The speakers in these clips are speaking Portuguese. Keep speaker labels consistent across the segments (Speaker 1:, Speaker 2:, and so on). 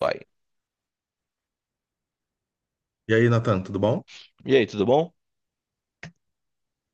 Speaker 1: Vai.
Speaker 2: E aí, Nathan, tudo bom?
Speaker 1: E aí, tudo bom?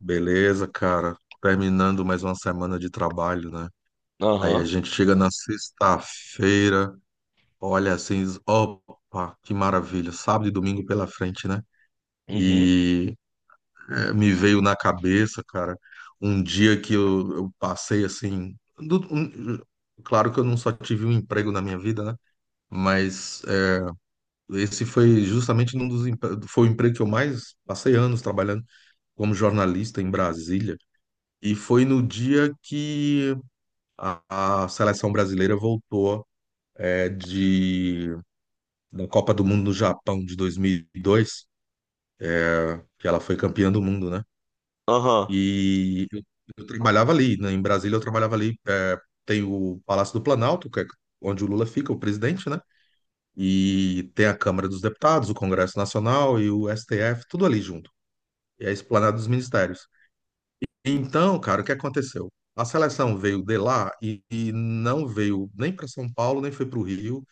Speaker 2: Beleza, cara. Terminando mais uma semana de trabalho, né? Aí a
Speaker 1: Aham.
Speaker 2: gente chega na sexta-feira, olha assim, diz, opa, que maravilha, sábado e domingo pela frente, né?
Speaker 1: Uhum.
Speaker 2: E é, me veio na cabeça, cara, um dia que eu passei assim. Claro que eu não só tive um emprego na minha vida, né? Mas é, esse foi justamente um dos empre- foi o emprego que eu mais passei anos trabalhando como jornalista em Brasília. E foi no dia que a seleção brasileira voltou é, de, da Copa do Mundo no Japão de 2002, que ela foi campeã do mundo, né?
Speaker 1: Aham.
Speaker 2: E eu trabalhava ali, né? Em Brasília eu trabalhava ali. É, tem o Palácio do Planalto, que é onde o Lula fica, o presidente, né? E tem a Câmara dos Deputados, o Congresso Nacional e o STF, tudo ali junto. E a Esplanada dos Ministérios. Então, cara, o que aconteceu? A seleção veio de lá e não veio nem para São Paulo, nem foi para o Rio.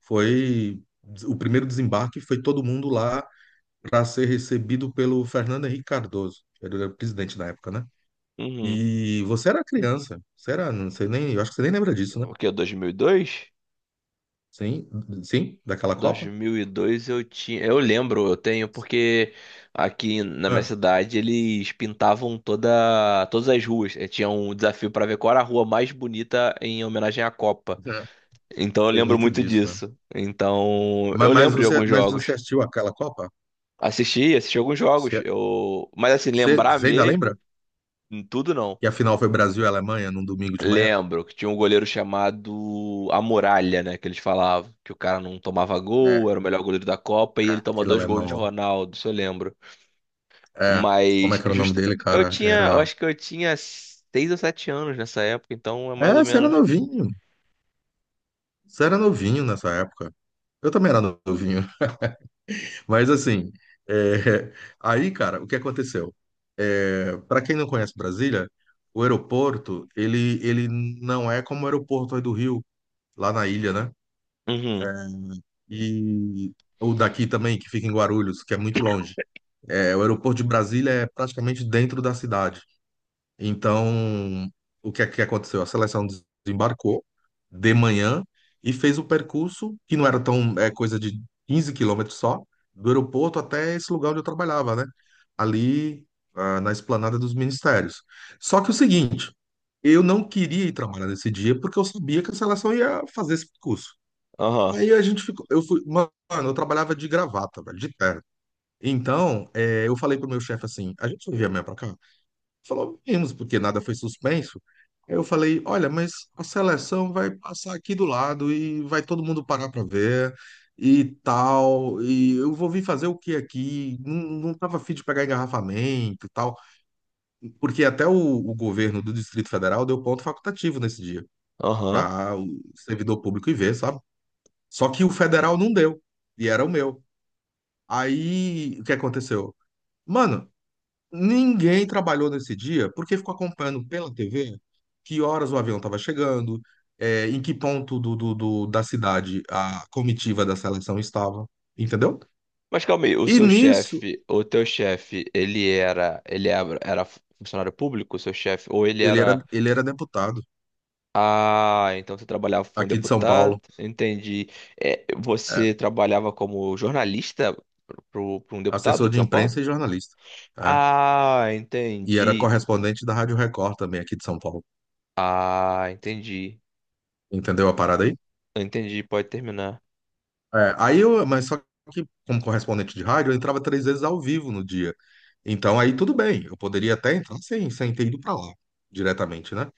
Speaker 2: Foi o primeiro desembarque, foi todo mundo lá para ser recebido pelo Fernando Henrique Cardoso, que era o presidente na época, né?
Speaker 1: Uhum.
Speaker 2: E você era criança, você era, não sei nem, eu acho que você nem lembra disso, né?
Speaker 1: O que, 2002?
Speaker 2: Sim, sim, daquela Copa?
Speaker 1: 2002 eu tinha, eu lembro, eu tenho porque aqui na minha
Speaker 2: Ah,
Speaker 1: cidade eles pintavam todas as ruas. Tinha um desafio para ver qual era a rua mais bonita em homenagem à Copa.
Speaker 2: é.
Speaker 1: Então eu
Speaker 2: Tem
Speaker 1: lembro
Speaker 2: muito
Speaker 1: muito
Speaker 2: disso, né?
Speaker 1: disso. Então
Speaker 2: Mas,
Speaker 1: eu
Speaker 2: mas
Speaker 1: lembro de
Speaker 2: você,
Speaker 1: alguns
Speaker 2: mas
Speaker 1: jogos.
Speaker 2: você assistiu aquela Copa?
Speaker 1: Assisti, assisti alguns jogos.
Speaker 2: Você,
Speaker 1: Eu, mas assim,
Speaker 2: você
Speaker 1: lembrar
Speaker 2: você ainda lembra?
Speaker 1: mesmo, tudo não.
Speaker 2: Que a final foi Brasil e Alemanha num domingo de manhã?
Speaker 1: Lembro que tinha um goleiro chamado A Muralha, né? Que eles falavam que o cara não tomava gol,
Speaker 2: É,
Speaker 1: era o melhor goleiro da Copa e ele tomou
Speaker 2: aquele
Speaker 1: dois
Speaker 2: alemão.
Speaker 1: gols de
Speaker 2: Lá.
Speaker 1: Ronaldo, isso eu lembro.
Speaker 2: É, como é
Speaker 1: Mas
Speaker 2: que era o nome
Speaker 1: just...
Speaker 2: dele,
Speaker 1: eu
Speaker 2: cara?
Speaker 1: tinha, eu
Speaker 2: Era.
Speaker 1: acho que eu tinha seis ou sete anos nessa época, então é
Speaker 2: É,
Speaker 1: mais ou
Speaker 2: você era
Speaker 1: menos.
Speaker 2: novinho. Você era novinho nessa época. Eu também era novinho. Mas assim, é, aí, cara, o que aconteceu? É, para quem não conhece Brasília, o aeroporto, ele não é como o aeroporto aí do Rio, lá na ilha, né? É,
Speaker 1: Uhum,
Speaker 2: e o daqui também, que fica em Guarulhos, que é muito longe. É, o aeroporto de Brasília é praticamente dentro da cidade. Então, o que é que aconteceu? A seleção desembarcou de manhã e fez o percurso, que não era tão, é coisa de 15 km só, do aeroporto até esse lugar onde eu trabalhava, né? Ali, ah, na esplanada dos ministérios. Só que o seguinte, eu não queria ir trabalhar nesse dia porque eu sabia que a seleção ia fazer esse percurso.
Speaker 1: aham,
Speaker 2: Aí a gente ficou, eu fui, mano, eu trabalhava de gravata, velho, de terno. Então, eu falei pro meu chefe assim, a gente não envia amanhã pra cá? Falou, vimos, porque nada foi suspenso. Aí eu falei, olha, mas a seleção vai passar aqui do lado e vai todo mundo parar para ver e tal, e eu vou vir fazer o que aqui? Não, não tava afim de pegar engarrafamento e tal, porque até o governo do Distrito Federal deu ponto facultativo nesse dia
Speaker 1: aham.
Speaker 2: para o servidor público ir ver, sabe? Só que o federal não deu, e era o meu. Aí, o que aconteceu? Mano, ninguém trabalhou nesse dia porque ficou acompanhando pela TV que horas o avião estava chegando, é, em que ponto da cidade a comitiva da seleção estava, entendeu?
Speaker 1: Mas calma aí, o
Speaker 2: E
Speaker 1: seu
Speaker 2: nisso,
Speaker 1: chefe, o teu chefe, ele era, era funcionário público, o seu chefe, ou ele era.
Speaker 2: ele era deputado
Speaker 1: Ah, então você trabalhava para um
Speaker 2: aqui de São
Speaker 1: deputado,
Speaker 2: Paulo,
Speaker 1: entendi. É,
Speaker 2: é,
Speaker 1: você trabalhava como jornalista para um deputado
Speaker 2: assessor
Speaker 1: de
Speaker 2: de
Speaker 1: São Paulo?
Speaker 2: imprensa e jornalista, é,
Speaker 1: Ah,
Speaker 2: e era
Speaker 1: entendi.
Speaker 2: correspondente da Rádio Record também aqui de São Paulo.
Speaker 1: Ah, entendi.
Speaker 2: Entendeu a parada aí?
Speaker 1: Entendi, pode terminar.
Speaker 2: É, aí eu, mas só que como correspondente de rádio, eu entrava três vezes ao vivo no dia. Então aí tudo bem, eu poderia até entrar sem ter ido para lá diretamente, né?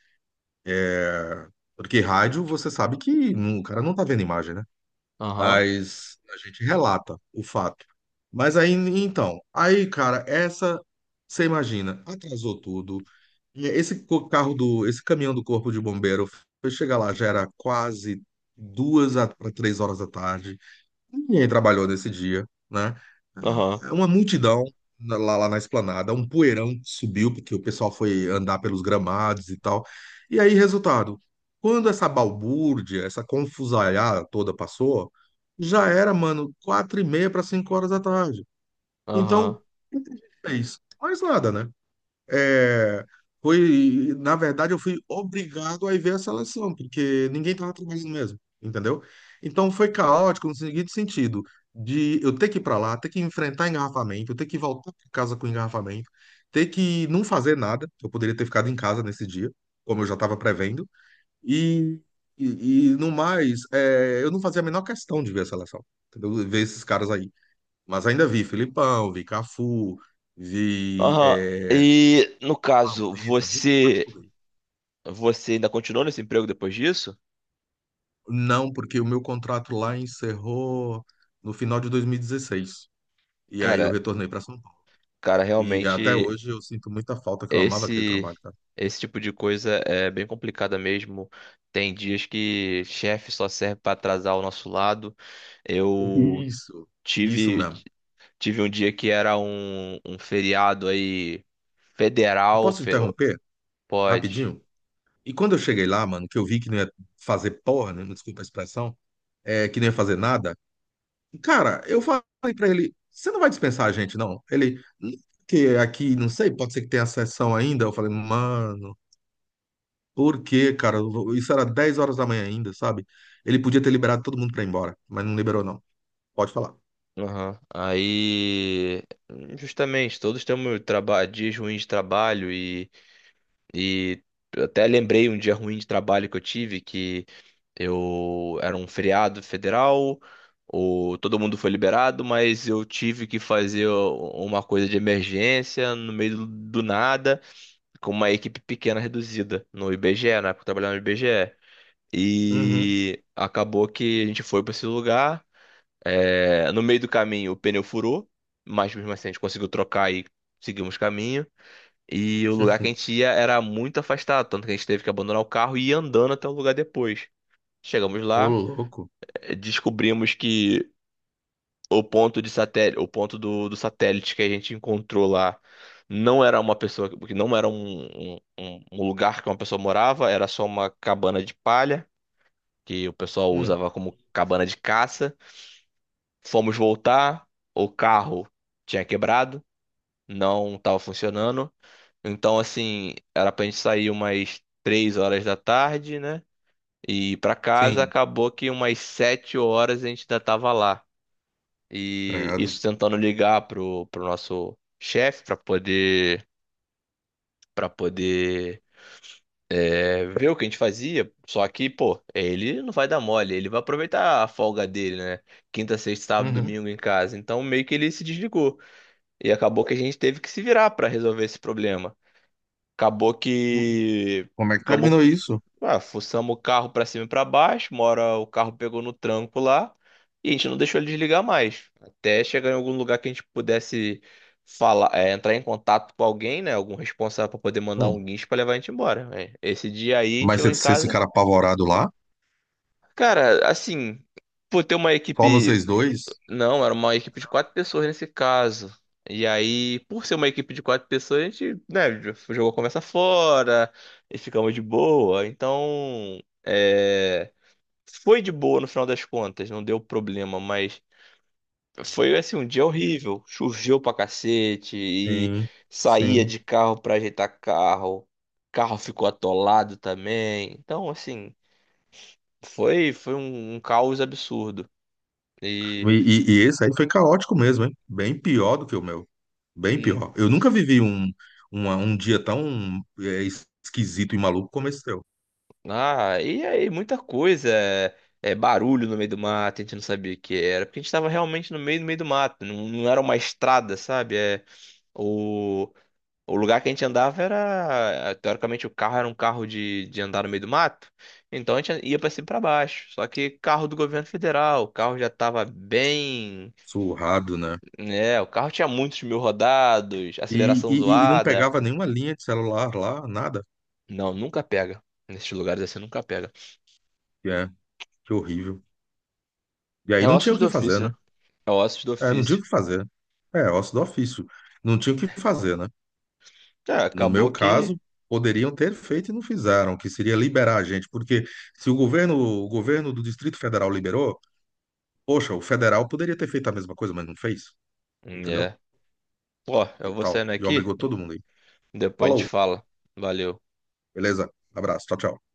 Speaker 2: É, porque rádio você sabe que o cara não tá vendo imagem, né?
Speaker 1: Aham,
Speaker 2: Mas a gente relata o fato. Mas aí então, aí cara, essa você imagina, atrasou tudo. E esse caminhão do corpo de bombeiro foi chegar lá já era quase duas para três horas da tarde. Ninguém trabalhou nesse dia, né?
Speaker 1: aham,
Speaker 2: Uma multidão lá na esplanada, um poeirão que subiu, porque o pessoal foi andar pelos gramados e tal. E aí, resultado, quando essa balbúrdia, essa confusaiada toda passou, já era, mano, quatro e meia para cinco horas da tarde.
Speaker 1: aham,
Speaker 2: Então, o que a gente fez? Mais nada, né? É, foi, na verdade, eu fui obrigado a ir ver a seleção, porque ninguém estava trabalhando mesmo, entendeu? Então foi caótico no seguinte sentido, de eu ter que ir para lá, ter que enfrentar engarrafamento, eu ter que voltar para casa com engarrafamento, ter que não fazer nada, eu poderia ter ficado em casa nesse dia, como eu já estava prevendo, e, e no mais, é, eu não fazia a menor questão de ver a seleção, entendeu? Ver esses caras aí. Mas ainda vi Filipão, vi Cafu, vi.
Speaker 1: aham.
Speaker 2: É,
Speaker 1: E no caso,
Speaker 2: Vampeta, vê se tá
Speaker 1: você
Speaker 2: tudo aí.
Speaker 1: você ainda continuou nesse emprego depois disso?
Speaker 2: Não, porque o meu contrato lá encerrou no final de 2016. E dezesseis. E aí eu
Speaker 1: Cara,
Speaker 2: retornei para São Paulo.
Speaker 1: cara,
Speaker 2: E até
Speaker 1: realmente.
Speaker 2: hoje eu sinto muita falta, que eu amava aquele
Speaker 1: Esse,
Speaker 2: trabalho, cara.
Speaker 1: esse tipo de coisa é bem complicada mesmo. Tem dias que chefe só serve para atrasar o nosso lado. Eu
Speaker 2: Isso, isso
Speaker 1: tive,
Speaker 2: mesmo.
Speaker 1: tive um dia que era um feriado aí
Speaker 2: Eu
Speaker 1: federal,
Speaker 2: posso interromper
Speaker 1: pode.
Speaker 2: rapidinho? E quando eu cheguei lá, mano, que eu vi que não ia fazer porra, né? Desculpa a expressão, é, que não ia fazer nada. Cara, eu falei para ele: você não vai dispensar a gente, não? Ele, que aqui, não sei, pode ser que tenha sessão ainda. Eu falei, mano. Por quê, cara? Isso era 10 horas da manhã ainda, sabe? Ele podia ter liberado todo mundo pra ir embora, mas não liberou, não. Pode falar.
Speaker 1: Aham. Aí, justamente, todos temos dias ruins de trabalho e eu até lembrei um dia ruim de trabalho que eu tive. Eu era um feriado federal, todo mundo foi liberado, mas eu tive que fazer uma coisa de emergência no meio do nada, com uma equipe pequena reduzida no IBGE, na época eu trabalhava no IBGE.
Speaker 2: Uhum.
Speaker 1: E acabou que a gente foi para esse lugar. É, no meio do caminho o pneu furou, mas mesmo assim a gente conseguiu trocar e seguimos caminho. E o lugar que a gente ia era muito afastado, tanto que a gente teve que abandonar o carro e ir andando até o lugar depois. Chegamos
Speaker 2: Ô,
Speaker 1: lá,
Speaker 2: louco.
Speaker 1: descobrimos que o ponto de satélite, o ponto do satélite que a gente encontrou lá não era uma pessoa, que não era um lugar que uma pessoa morava, era só uma cabana de palha que o pessoal
Speaker 2: Hum.
Speaker 1: usava como cabana de caça. Fomos voltar, o carro tinha quebrado, não estava funcionando. Então, assim, era pra gente sair umas três horas da tarde, né? E ir pra casa,
Speaker 2: Sim,
Speaker 1: acabou que umas sete horas a gente ainda tava lá. E
Speaker 2: credo.
Speaker 1: isso tentando ligar pro nosso chefe para poder para poder, é, ver o que a gente fazia. Só que, pô, ele não vai dar mole, ele vai aproveitar a folga dele, né? Quinta, sexta, sábado,
Speaker 2: Uhum.
Speaker 1: domingo em casa. Então meio que ele se desligou. E acabou que a gente teve que se virar para resolver esse problema. Acabou
Speaker 2: Hum.
Speaker 1: que
Speaker 2: Como é que
Speaker 1: ficamos,
Speaker 2: terminou isso?
Speaker 1: ah, fuçamos o carro pra cima e pra baixo, uma hora o carro pegou no tranco lá e a gente não deixou ele desligar mais. Até chegar em algum lugar que a gente pudesse falar, é, entrar em contato com alguém, né? Algum responsável pra poder mandar um
Speaker 2: Hum.
Speaker 1: guincho pra levar a gente embora, né. Esse dia aí a gente
Speaker 2: Mas
Speaker 1: chegou em
Speaker 2: vocês
Speaker 1: casa.
Speaker 2: ficaram apavorados lá?
Speaker 1: Cara, assim, por ter uma
Speaker 2: Só vocês
Speaker 1: equipe.
Speaker 2: dois?
Speaker 1: Não, era uma equipe de quatro pessoas nesse caso. E aí, por ser uma equipe de quatro pessoas, a gente, né, jogou a conversa fora e ficamos de boa. Então, é, foi de boa no final das contas, não deu problema, mas foi assim um dia horrível. Choveu pra cacete e
Speaker 2: Sim,
Speaker 1: saía
Speaker 2: sim.
Speaker 1: de carro pra ajeitar carro. Carro ficou atolado também. Então, assim, foi um caos absurdo. E
Speaker 2: E esse aí foi caótico mesmo, hein? Bem pior do que o meu. Bem pior. Eu nunca vivi um dia tão é, esquisito e maluco como esse teu.
Speaker 1: ah, e aí, muita coisa. É, é barulho no meio do mato, a gente não sabia o que era, porque a gente estava realmente no meio, no meio do mato, não, não era uma estrada, sabe? É, o, o lugar que a gente andava era, é, teoricamente, o carro era um carro de andar no meio do mato, então a gente ia para cima e para baixo. Só que carro do governo federal, o carro já estava bem,
Speaker 2: Surrado, né?
Speaker 1: né? O carro tinha muitos mil rodados, aceleração
Speaker 2: E não
Speaker 1: zoada.
Speaker 2: pegava nenhuma linha de celular lá, nada.
Speaker 1: Não, nunca pega. Nesses lugares assim, nunca pega.
Speaker 2: E é, que horrível. E aí
Speaker 1: É
Speaker 2: não tinha
Speaker 1: ossos
Speaker 2: o
Speaker 1: do
Speaker 2: que fazer,
Speaker 1: ofício,
Speaker 2: né?
Speaker 1: né? É ossos do
Speaker 2: É, não tinha o
Speaker 1: ofício.
Speaker 2: que fazer. É, ócio do ofício. Não tinha o que fazer, né?
Speaker 1: Tá,
Speaker 2: No
Speaker 1: acabou
Speaker 2: meu
Speaker 1: que.
Speaker 2: caso, poderiam ter feito e não fizeram, que seria liberar a gente, porque se o governo, o governo do Distrito Federal liberou, poxa, o federal poderia ter feito a mesma coisa, mas não fez,
Speaker 1: Hum,
Speaker 2: entendeu?
Speaker 1: é. Pô,
Speaker 2: E
Speaker 1: eu vou
Speaker 2: tal.
Speaker 1: saindo
Speaker 2: E
Speaker 1: aqui,
Speaker 2: obrigou todo mundo aí.
Speaker 1: depois a gente
Speaker 2: Falou.
Speaker 1: fala. Valeu.
Speaker 2: Beleza? Abraço. Tchau, tchau.